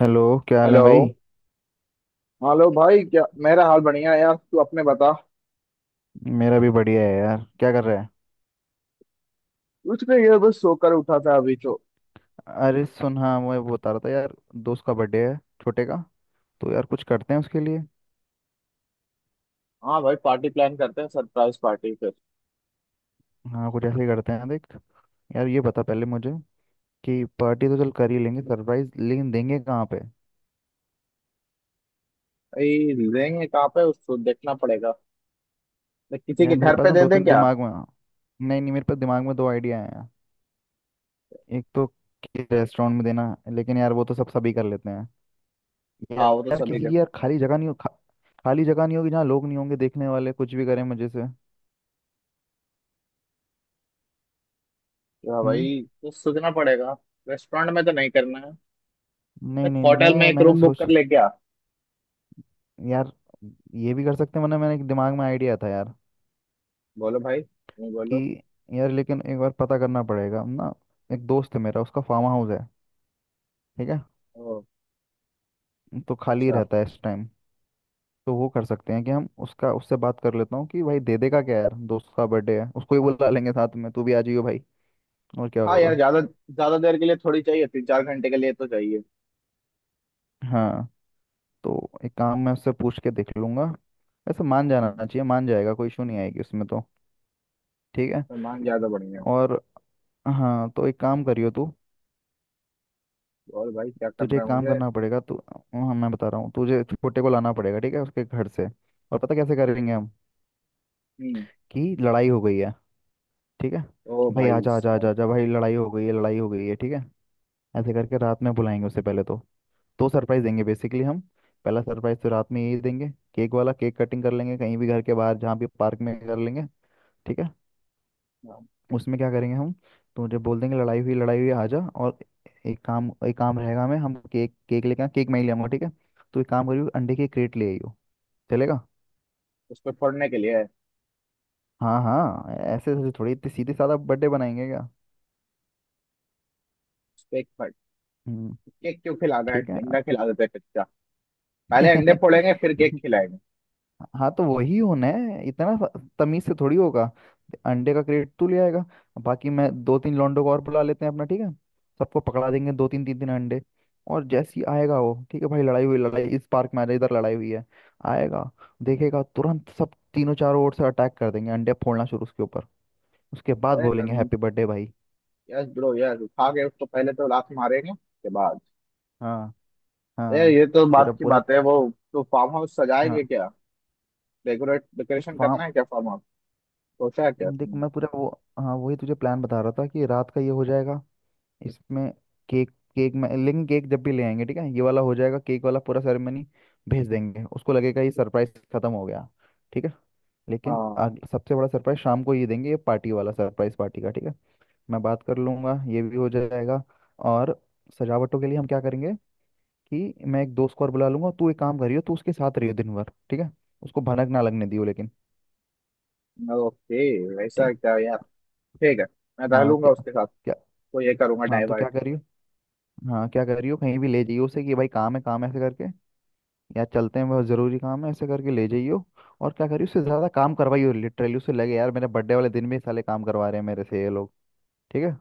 Hello. क्या हाल है हेलो। भाई? हेलो भाई, क्या मेरा हाल बढ़िया है यार, तू अपने बता। मेरा भी बढ़िया है यार। क्या कर रहा है? कुछ नहीं यार, बस सोकर उठा था अभी तो। अरे सुन, हाँ मैं वो बता रहा था यार, दोस्त का बर्थडे है, छोटे का, तो यार कुछ करते हैं उसके लिए। हाँ भाई, पार्टी प्लान करते हैं, सरप्राइज पार्टी फिर। हाँ कुछ ऐसे ही करते हैं, देख यार, ये बता पहले मुझे कि पार्टी तो चल कर ही लेंगे सरप्राइज, लेकिन देंगे कहाँ पे? भाई देंगे कहाँ पे उसको देखना पड़ेगा। तो किसी यार के मेरे घर पास पे ना दे दो दें तीन क्या? दिमाग में हाँ। नहीं नहीं, मेरे पास दिमाग में दो आइडिया हैं यार। एक तो रेस्टोरेंट में देना, लेकिन यार वो तो सब सभी कर लेते हैं यार। हाँ, वो तो यार सभी किसी कर की यार सकते हैं। खाली जगह नहीं हो खाली जगह नहीं होगी जहाँ लोग नहीं होंगे देखने वाले, कुछ भी करें मजे से। क्या हम्म, भाई, तो सोचना पड़ेगा। रेस्टोरेंट में तो नहीं करना है। नहीं एक नहीं नहीं, होटल में मेरा एक मैंने रूम बुक सोच कर ले क्या? यार, ये भी कर सकते हैं, वरना मैंने एक दिमाग में आइडिया था यार, बोलो भाई, नहीं बोलो। कि यार, लेकिन एक बार पता करना पड़ेगा ना। एक दोस्त है मेरा, उसका फार्म हाउस है, ठीक है? ओ। तो खाली अच्छा। रहता है इस टाइम, तो वो कर सकते हैं कि हम उसका उससे बात कर लेता हूँ कि भाई दे देगा क्या, यार दोस्त का बर्थडे है, उसको ही बुला लेंगे साथ में, तू भी आ जाइयो भाई, और क्या हाँ यार, होगा। ज्यादा ज्यादा देर के लिए थोड़ी चाहिए, 3-4 घंटे के लिए तो चाहिए। हाँ तो एक काम मैं उससे पूछ के देख लूंगा, वैसे मान जाना हम्म, चाहिए, मान जाएगा, कोई इशू नहीं आएगी उसमें तो। ठीक है। सामान ज्यादा बढ़िया है। और हाँ तो एक काम करियो तू, और भाई क्या तुझे करना है एक काम मुझे? करना पड़ेगा तू, हाँ मैं बता रहा हूँ तुझे, छोटे को लाना पड़ेगा, ठीक है, उसके घर से। और पता कैसे करेंगे हम हम्म। कि लड़ाई हो गई है, ठीक है? ओ भाई भाई आजा आजा आजा साहब। आजा, भाई लड़ाई हो गई है, लड़ाई हो गई है, ठीक है। ऐसे करके रात में बुलाएंगे उसे पहले तो। दो सरप्राइज देंगे बेसिकली हम। पहला सरप्राइज तो रात में यही देंगे, केक वाला, केक कटिंग कर लेंगे कहीं भी घर के बाहर, जहाँ भी, पार्क में कर लेंगे, ठीक है। हाँ, उसमें क्या करेंगे हम, तुझे बोल देंगे लड़ाई हुई, लड़ाई हुई आजा, और एक काम, एक काम रहेगा हमें, हम केक केक लेके केक मैं ही ले आऊंगा, ठीक है। तो एक काम करियो, अंडे की क्रेट ले आइयो, चलेगा? उसको फोड़ने के लिए। हाँ हाँ, ऐसे ऐसे थोड़ी, इतनी सीधे साधा बर्थडे बनाएंगे क्या? उसको एक फट। हम्म, केक क्यों खिला रहा है, ठीक है। अंडा खिला देते हैं कच्चा। पहले अंडे फोड़ेंगे, फिर केक खिलाएंगे। हाँ तो वही होना है, इतना तमीज से थोड़ी होगा। अंडे का क्रेट तू ले आएगा, बाकी मैं दो तीन लौंडों को और बुला लेते हैं अपना, ठीक है। सबको पकड़ा देंगे दो तीन, तीन तीन अंडे, और जैसे ही आएगा वो, ठीक है भाई लड़ाई हुई, लड़ाई इस पार्क में आ जाए इधर, लड़ाई हुई है, आएगा, देखेगा, तुरंत सब तीनों चारों ओर से अटैक कर देंगे, अंडे फोड़ना शुरू उसके ऊपर, उसके बाद अरे बोलेंगे तुम। हैप्पी बर्थडे भाई। यस ब्रो, यस, उठा के उसको पहले तो लात मारेंगे के बाद। हाँ अरे हाँ, ये तो पूरा बात की पूरा। बात है वो। तो फार्म हाउस हाँ, सजाएंगे क्या? डेकोरेट, देख डेकोरेशन फार्म, करना है क्या फार्म हाउस? सोचा है क्या देख तुमने? मैं पूरा वो, हाँ वही तुझे प्लान बता रहा था कि रात का ये हो जाएगा इसमें, केक, केक में लेकिन केक जब भी ले आएंगे, ठीक है, ये वाला हो जाएगा, केक वाला पूरा सेरेमनी। भेज देंगे, उसको लगेगा ये सरप्राइज खत्म हो गया, ठीक है। लेकिन हाँ। सबसे बड़ा सरप्राइज शाम को ये देंगे, ये पार्टी वाला सरप्राइज, पार्टी का, ठीक है। मैं बात कर लूंगा, ये भी हो जाएगा। और सजावटों के लिए हम क्या करेंगे कि मैं एक दोस्त को और बुला लूंगा, तू एक काम करियो, तू उसके साथ रहियो दिन भर, ठीक है, उसको भनक ना लगने दियो लेकिन। ओके। ठीक वैसा है। क्या यार। ठीक है। मैं हाँ टहलूंगा क्या, उसके साथ। क्या। तो ये करूंगा हाँ तो क्या डाइवर्ट। करियो, हाँ क्या कर रही हो, कहीं भी ले जाइयो उसे कि भाई काम है, काम है, ऐसे करके, या चलते हैं बहुत ज़रूरी काम है, ऐसे करके ले जाइयो। और क्या करियो, उससे ज़्यादा काम करवाइयो लिटरली, उसे लगे यार मेरे बर्थडे वाले दिन भी साले काम करवा रहे हैं मेरे से ये लोग। ठीक है,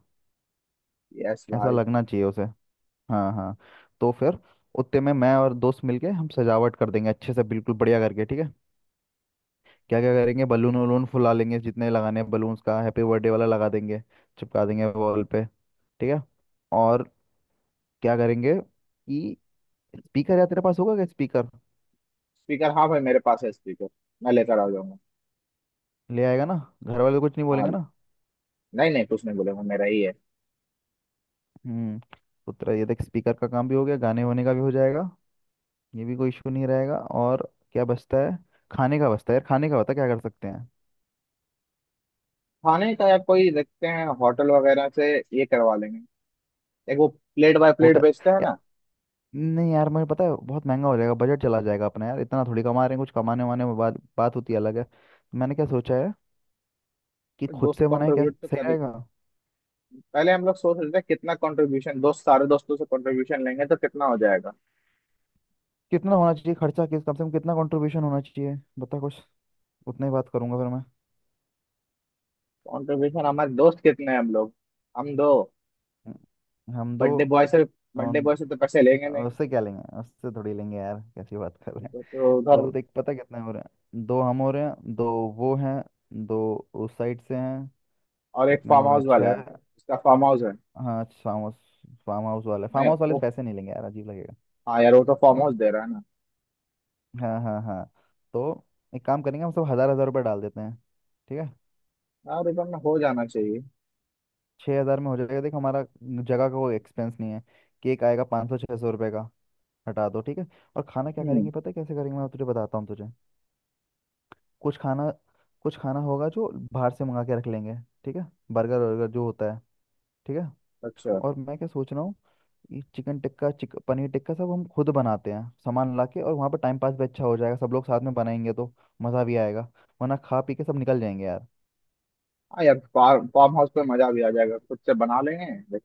यस ऐसा भाई। लगना चाहिए उसे। हाँ हाँ, तो फिर उतने में मैं और दोस्त मिलके हम सजावट कर देंगे अच्छे से, बिल्कुल बढ़िया करके, ठीक है। क्या क्या करेंगे, बलून वलून फुला लेंगे जितने लगाने हैं, बलून्स का हैप्पी बर्थडे वाला लगा देंगे, चिपका देंगे वॉल पे, ठीक है। और क्या करेंगे कि स्पीकर, या तेरे पास होगा क्या स्पीकर? स्पीकर हाँ भाई मेरे पास है स्पीकर। मैं लेकर आ जाऊंगा। ले आएगा ना, घर वाले तो कुछ नहीं बोलेंगे हाँ। ना? नहीं नहीं, कुछ नहीं बोलेगा, मेरा ही है। हम्म, तो तेरा ये देख स्पीकर का काम भी हो गया, गाने वाने का भी हो जाएगा, ये भी कोई इशू नहीं रहेगा। और क्या बचता है, खाने का बचता है यार, खाने का बता क्या कर सकते हैं? खाने का? या कोई देखते हैं होटल वगैरह से। ये करवा लेंगे। एक वो प्लेट बाय प्लेट होटल, बेचते हैं या ना। नहीं यार, मुझे पता है बहुत महंगा हो जाएगा, बजट चला जाएगा अपना, यार इतना थोड़ी कमा रहे हैं, कुछ कमाने वाने में बात बात होती है अलग है, तो मैंने क्या सोचा है कि खुद दोस्त से बनाए क्या कंट्रीब्यूट तो सही कर। रहेगा। पहले हम लोग सोच रहे थे कितना कंट्रीब्यूशन दोस्त, सारे दोस्तों से कंट्रीब्यूशन लेंगे तो कितना हो जाएगा। कितना होना चाहिए खर्चा, किस कम से कम कितना कंट्रीब्यूशन होना चाहिए, बता कुछ, उतना ही बात करूंगा फिर मैं। कंट्रीब्यूशन हमारे दोस्त कितने हैं हम लोग। हम दो। हम दो। बर्थडे बॉय से तो पैसे लेंगे नहीं। उससे क्या लेंगे, उससे थोड़ी लेंगे यार, कैसी बात कर रहे हैं। तो उधर। तो देख पता कितने हो रहे हैं, दो हम हो रहे हैं दो, वो हैं दो, उस साइड से हैं, और एक कितने फार्म हो गए, हाउस वाला है। छः? उसका फार्म हाउस है। हाँ फार्म हाउस, फार्म हाउस वाले फार्म नहीं हाउस वाले से वो। पैसे नहीं लेंगे यार, अजीब लगेगा। हाँ यार, वो तो ठीक फार्म है। हाउस दे रहा है ना। हाँ हाँ हाँ, तो एक काम करेंगे, हम सब हज़ार हज़ार रुपये डाल देते हैं, ठीक है। यार इधर में हो जाना चाहिए। छः हज़ार में हो जाएगा, देख हमारा जगह का कोई एक्सपेंस नहीं है, केक आएगा पाँच सौ छः सौ रुपये का, हटा दो, ठीक है। और खाना क्या हम्म। करेंगे पता है कैसे करेंगे, मैं तुझे बताता हूँ तुझे। कुछ खाना, कुछ खाना होगा जो बाहर से मंगा के रख लेंगे, ठीक है, बर्गर वर्गर जो होता है, ठीक है। अच्छा। और मैं क्या सोच रहा हूँ, ये चिकन टिक्का, चिक पनीर टिक्का सब हम खुद बनाते हैं सामान ला के, और वहाँ पर टाइम पास भी अच्छा हो जाएगा, सब लोग साथ में बनाएंगे तो मज़ा भी आएगा, वरना खा पी के सब निकल जाएंगे यार। हाँ यार, फार्म फार्म हाउस पे मजा भी आ जाएगा, खुद से बना लेंगे।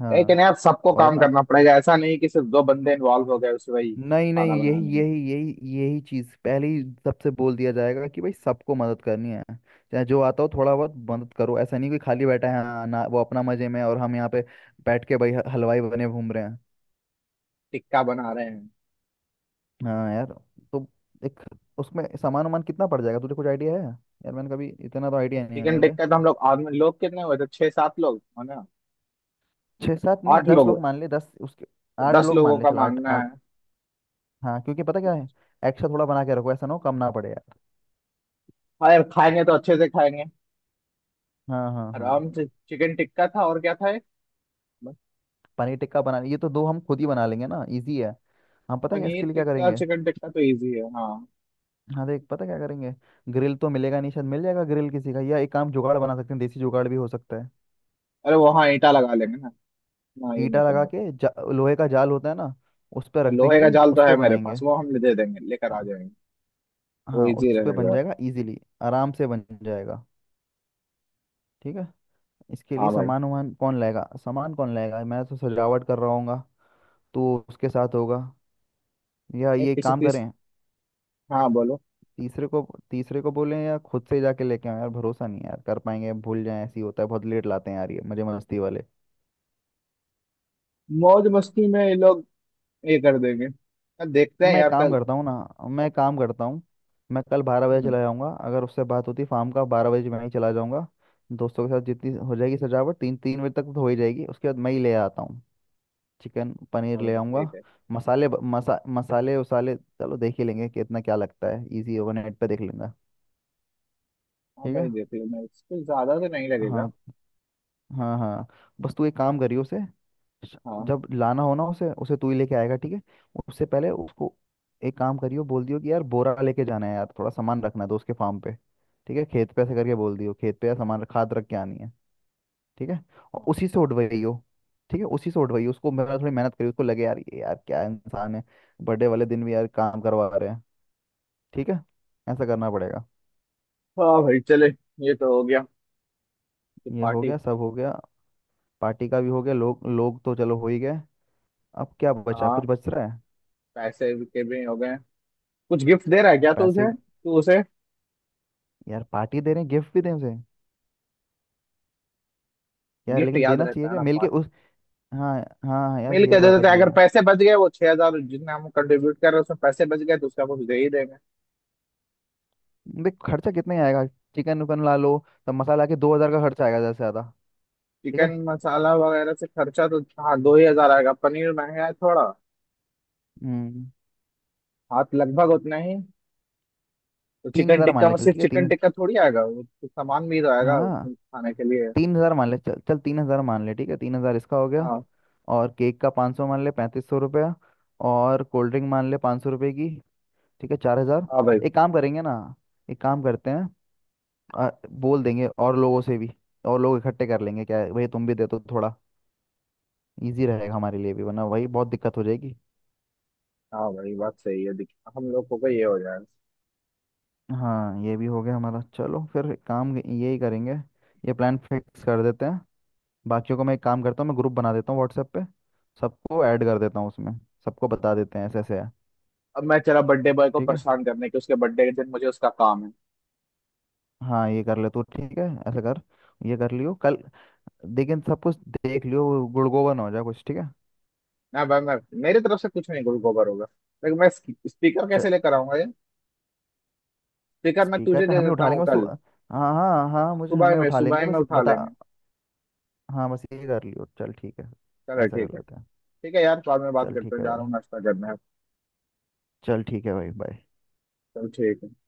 हाँ लेकिन यार सबको और काम ना, करना पड़ेगा, ऐसा नहीं कि सिर्फ दो बंदे इन्वॉल्व हो गए उस वही नहीं नहीं, खाना यही बनाने में। यही यही यही चीज पहले ही सबसे बोल दिया जाएगा कि भाई सबको मदद करनी है, चाहे जो आता हो थोड़ा बहुत मदद करो, ऐसा नहीं कि खाली बैठा है हाँ, ना वो अपना मजे में और हम यहाँ पे बैठ के भाई हलवाई बने घूम रहे हैं। टिक्का बना रहे हैं। हाँ यार, तो एक, उसमें सामान वामान कितना पड़ जाएगा, तुझे कुछ आइडिया है यार? मैंने कभी, इतना तो आइडिया नहीं है चिकन मुझे। टिक्का तो हम लोग, आदमी लोग कितने हुए थे, छह सात लोग है ना? छः सात नहीं, आठ दस लोग। लोग मान ले, दस उसके। तो आठ दस लोग लोगों मान ले का चल, आठ, मानना आठ। है। हाँ क्योंकि पता क्या है, एक्स्ट्रा थोड़ा बना के रखो, ऐसा ना हो कम ना पड़े यार। हाँ यार, खाएंगे तो अच्छे से खाएंगे। हाँ हाँ हाँ। आराम से। चिकन टिक्का था और क्या था एक? बस। पनीर टिक्का बना, ये तो दो हम खुद ही बना लेंगे ना, इजी है। हाँ पता है इसके पनीर लिए क्या टिक्का करेंगे। चिकन टिक्का तो इजी है हाँ। हाँ देख, पता क्या करेंगे, ग्रिल तो मिलेगा नहीं, शायद मिल जाएगा ग्रिल किसी का, या एक काम जुगाड़ बना सकते हैं, देसी जुगाड़ भी हो सकता है। अरे वो हाँ, ईटा लगा लेंगे ना। ना ये नहीं ईटा लगा करने का। के लोहे का जाल होता है ना, उस पर हाँ, रख लोहे का देंगे, जाल तो उस है पर मेरे पास, बनाएंगे। वो हम दे देंगे लेकर आ हाँ जाएंगे। वो हाँ, इजी उस पर बन रहेगा। जाएगा इजीली, आराम से बन जाएगा। ठीक है, इसके लिए हाँ भाई। सामान वामान कौन लाएगा, सामान कौन लाएगा, मैं तो सजावट कर रहा हूँगा, तो उसके साथ होगा, या एक ये किसी काम तीस करें, हाँ बोलो। तीसरे को, तीसरे को बोलें, या खुद से जाके लेके आए? यार भरोसा नहीं है, यार कर पाएंगे भूल जाए, ऐसी होता है, बहुत लेट लाते हैं यार, ये मजे मस्ती वाले। मौज मस्ती में ये लोग ये कर देंगे। हाँ, देखते हैं मैं यार काम कल। करता हूँ ना, मैं काम करता हूँ, मैं कल बारह बजे हम्म। चला जाऊँगा, अगर उससे बात होती फार्म का, बारह बजे मैं ही चला जाऊँगा। दोस्तों के साथ जितनी हो जाएगी सजावट, तीन तीन बजे तक तो हो ही जाएगी, उसके बाद मैं ही ले आता हूँ, चिकन पनीर हाँ ले भाई ठीक आऊँगा। है। मसाले मसाले उसाले चलो देख ही लेंगे, कितना क्या लगता है, इजी होगा, नेट पे देख लेंगे। हाँ ठीक भाई है, देख लो, मैं इसको ज्यादा तो नहीं लगेगा। हाँ हाँ हाँ, बस तू एक काम करियो उसे, श- हाँ। जब लाना हो ना उसे, उसे तू ही लेके आएगा, ठीक है, उससे पहले उसको एक काम करियो, बोल दियो कि यार बोरा लेके जाना है यार, थोड़ा सामान रखना है तो उसके फार्म पे, ठीक है, खेत पे, ऐसे करके बोल दियो खेत पे, यार सामान खाद रख के आनी है, ठीक है, और हाँ उसी से उठवाइयो, ठीक है उसी से उठवाइयो, उसको मेरा थोड़ी मेहनत करियो, उसको लगे यार ये यार क्या इंसान है, बर्थडे वाले दिन भी यार काम करवा रहे हैं, ठीक है, ऐसा करना पड़ेगा। हाँ भाई चले। ये तो हो गया, कि ये हो पार्टी। गया, सब हो गया, पार्टी का भी हो गया, लोग लोग तो चलो हो ही गए, अब क्या बचा कुछ हाँ। बच रहा है? पैसे के भी हो गए। कुछ गिफ्ट दे रहा है क्या तू पैसे, उसे तू उसे यार पार्टी दे रहे हैं, गिफ्ट भी दें उसे, यार गिफ्ट लेकिन याद देना रहता चाहिए, है क्या ना मिल के पार्ट। उस, हाँ हाँ हाँ यार मिल ये के दे बात देते हैं। भी अगर है। पैसे बच गए, वो 6,000 जितने हम कंट्रीब्यूट कर रहे हैं उसमें पैसे बच गए तो उसका कुछ दे ही देंगे। देख खर्चा कितने ही आएगा, चिकन उकन ला लो तब, मसाला के दो हजार का खर्चा आएगा ज्यादा से ज्यादा, ठीक है। चिकन मसाला वगैरह से खर्चा तो हाँ दो ही हजार आएगा, पनीर महंगा है थोड़ा। हम्म, हाँ तो लगभग उतना ही। तो तीन चिकन हजार मान टिक्का ले में चल, सिर्फ ठीक है तीन, चिकन टिक्का थोड़ी आएगा, वो तो सामान भी तो आएगा हाँ उसमें खाने के लिए। तीन हजार मान ले, चल चल तीन हजार मान ले, ठीक है तीन हजार इसका हो गया, हाँ। और केक का पाँच सौ मान ले, पैंतीस सौ रुपया, और कोल्ड ड्रिंक मान ले पाँच सौ रुपये की, ठीक है चार हजार। हाँ भाई। एक काम करेंगे ना, एक काम करते हैं, बोल देंगे और लोगों से भी, और लोग इकट्ठे कर लेंगे, क्या है, भाई तुम भी दे दो थोड़ा, इजी रहेगा हमारे लिए भी, वरना वही बहुत दिक्कत हो जाएगी। हाँ भाई बात सही है दिख। हम लोग को भी ये हो जाएगा। हाँ ये भी हो गया हमारा, चलो फिर काम यही करेंगे, ये प्लान फिक्स कर देते हैं। बाकियों को मैं एक काम करता हूँ, मैं ग्रुप बना देता हूँ व्हाट्सएप पे, सबको ऐड कर देता हूँ उसमें, सबको बता देते हैं ऐसे ऐसे है। अब मैं चला बर्थडे बॉय को ठीक है, परेशान करने, के उसके बर्थडे के दिन मुझे उसका काम है। हाँ ये कर ले तू, ठीक है, ऐसा कर, ये कर लियो कल, लेकिन सब कुछ देख लियो, वो गुड़गोबर ना हो जाए कुछ, ठीक है। ना भाई मैं। मेरी तरफ से कुछ नहीं गोबर होगा। लेकिन मैं। स्पीकर च- कैसे लेकर आऊंगा ये? स्पीकर मैं स्पीकर तुझे का दे हम ही देता उठा हूँ लेंगे, बस तू, कल। हाँ हाँ हाँ मुझे, सुबह हमें में उठा लेंगे, सुबह में बस उठा बता। लेंगे। हाँ बस ये कर लियो चल, ठीक है, चलो ऐसा ठीक कर है। लेते हैं। ठीक है यार, बाद में बात चल करते ठीक हैं, है जा भाई, रहा हूँ नाश्ता करने। चल ठीक है भाई, बाय। चलो ठीक है।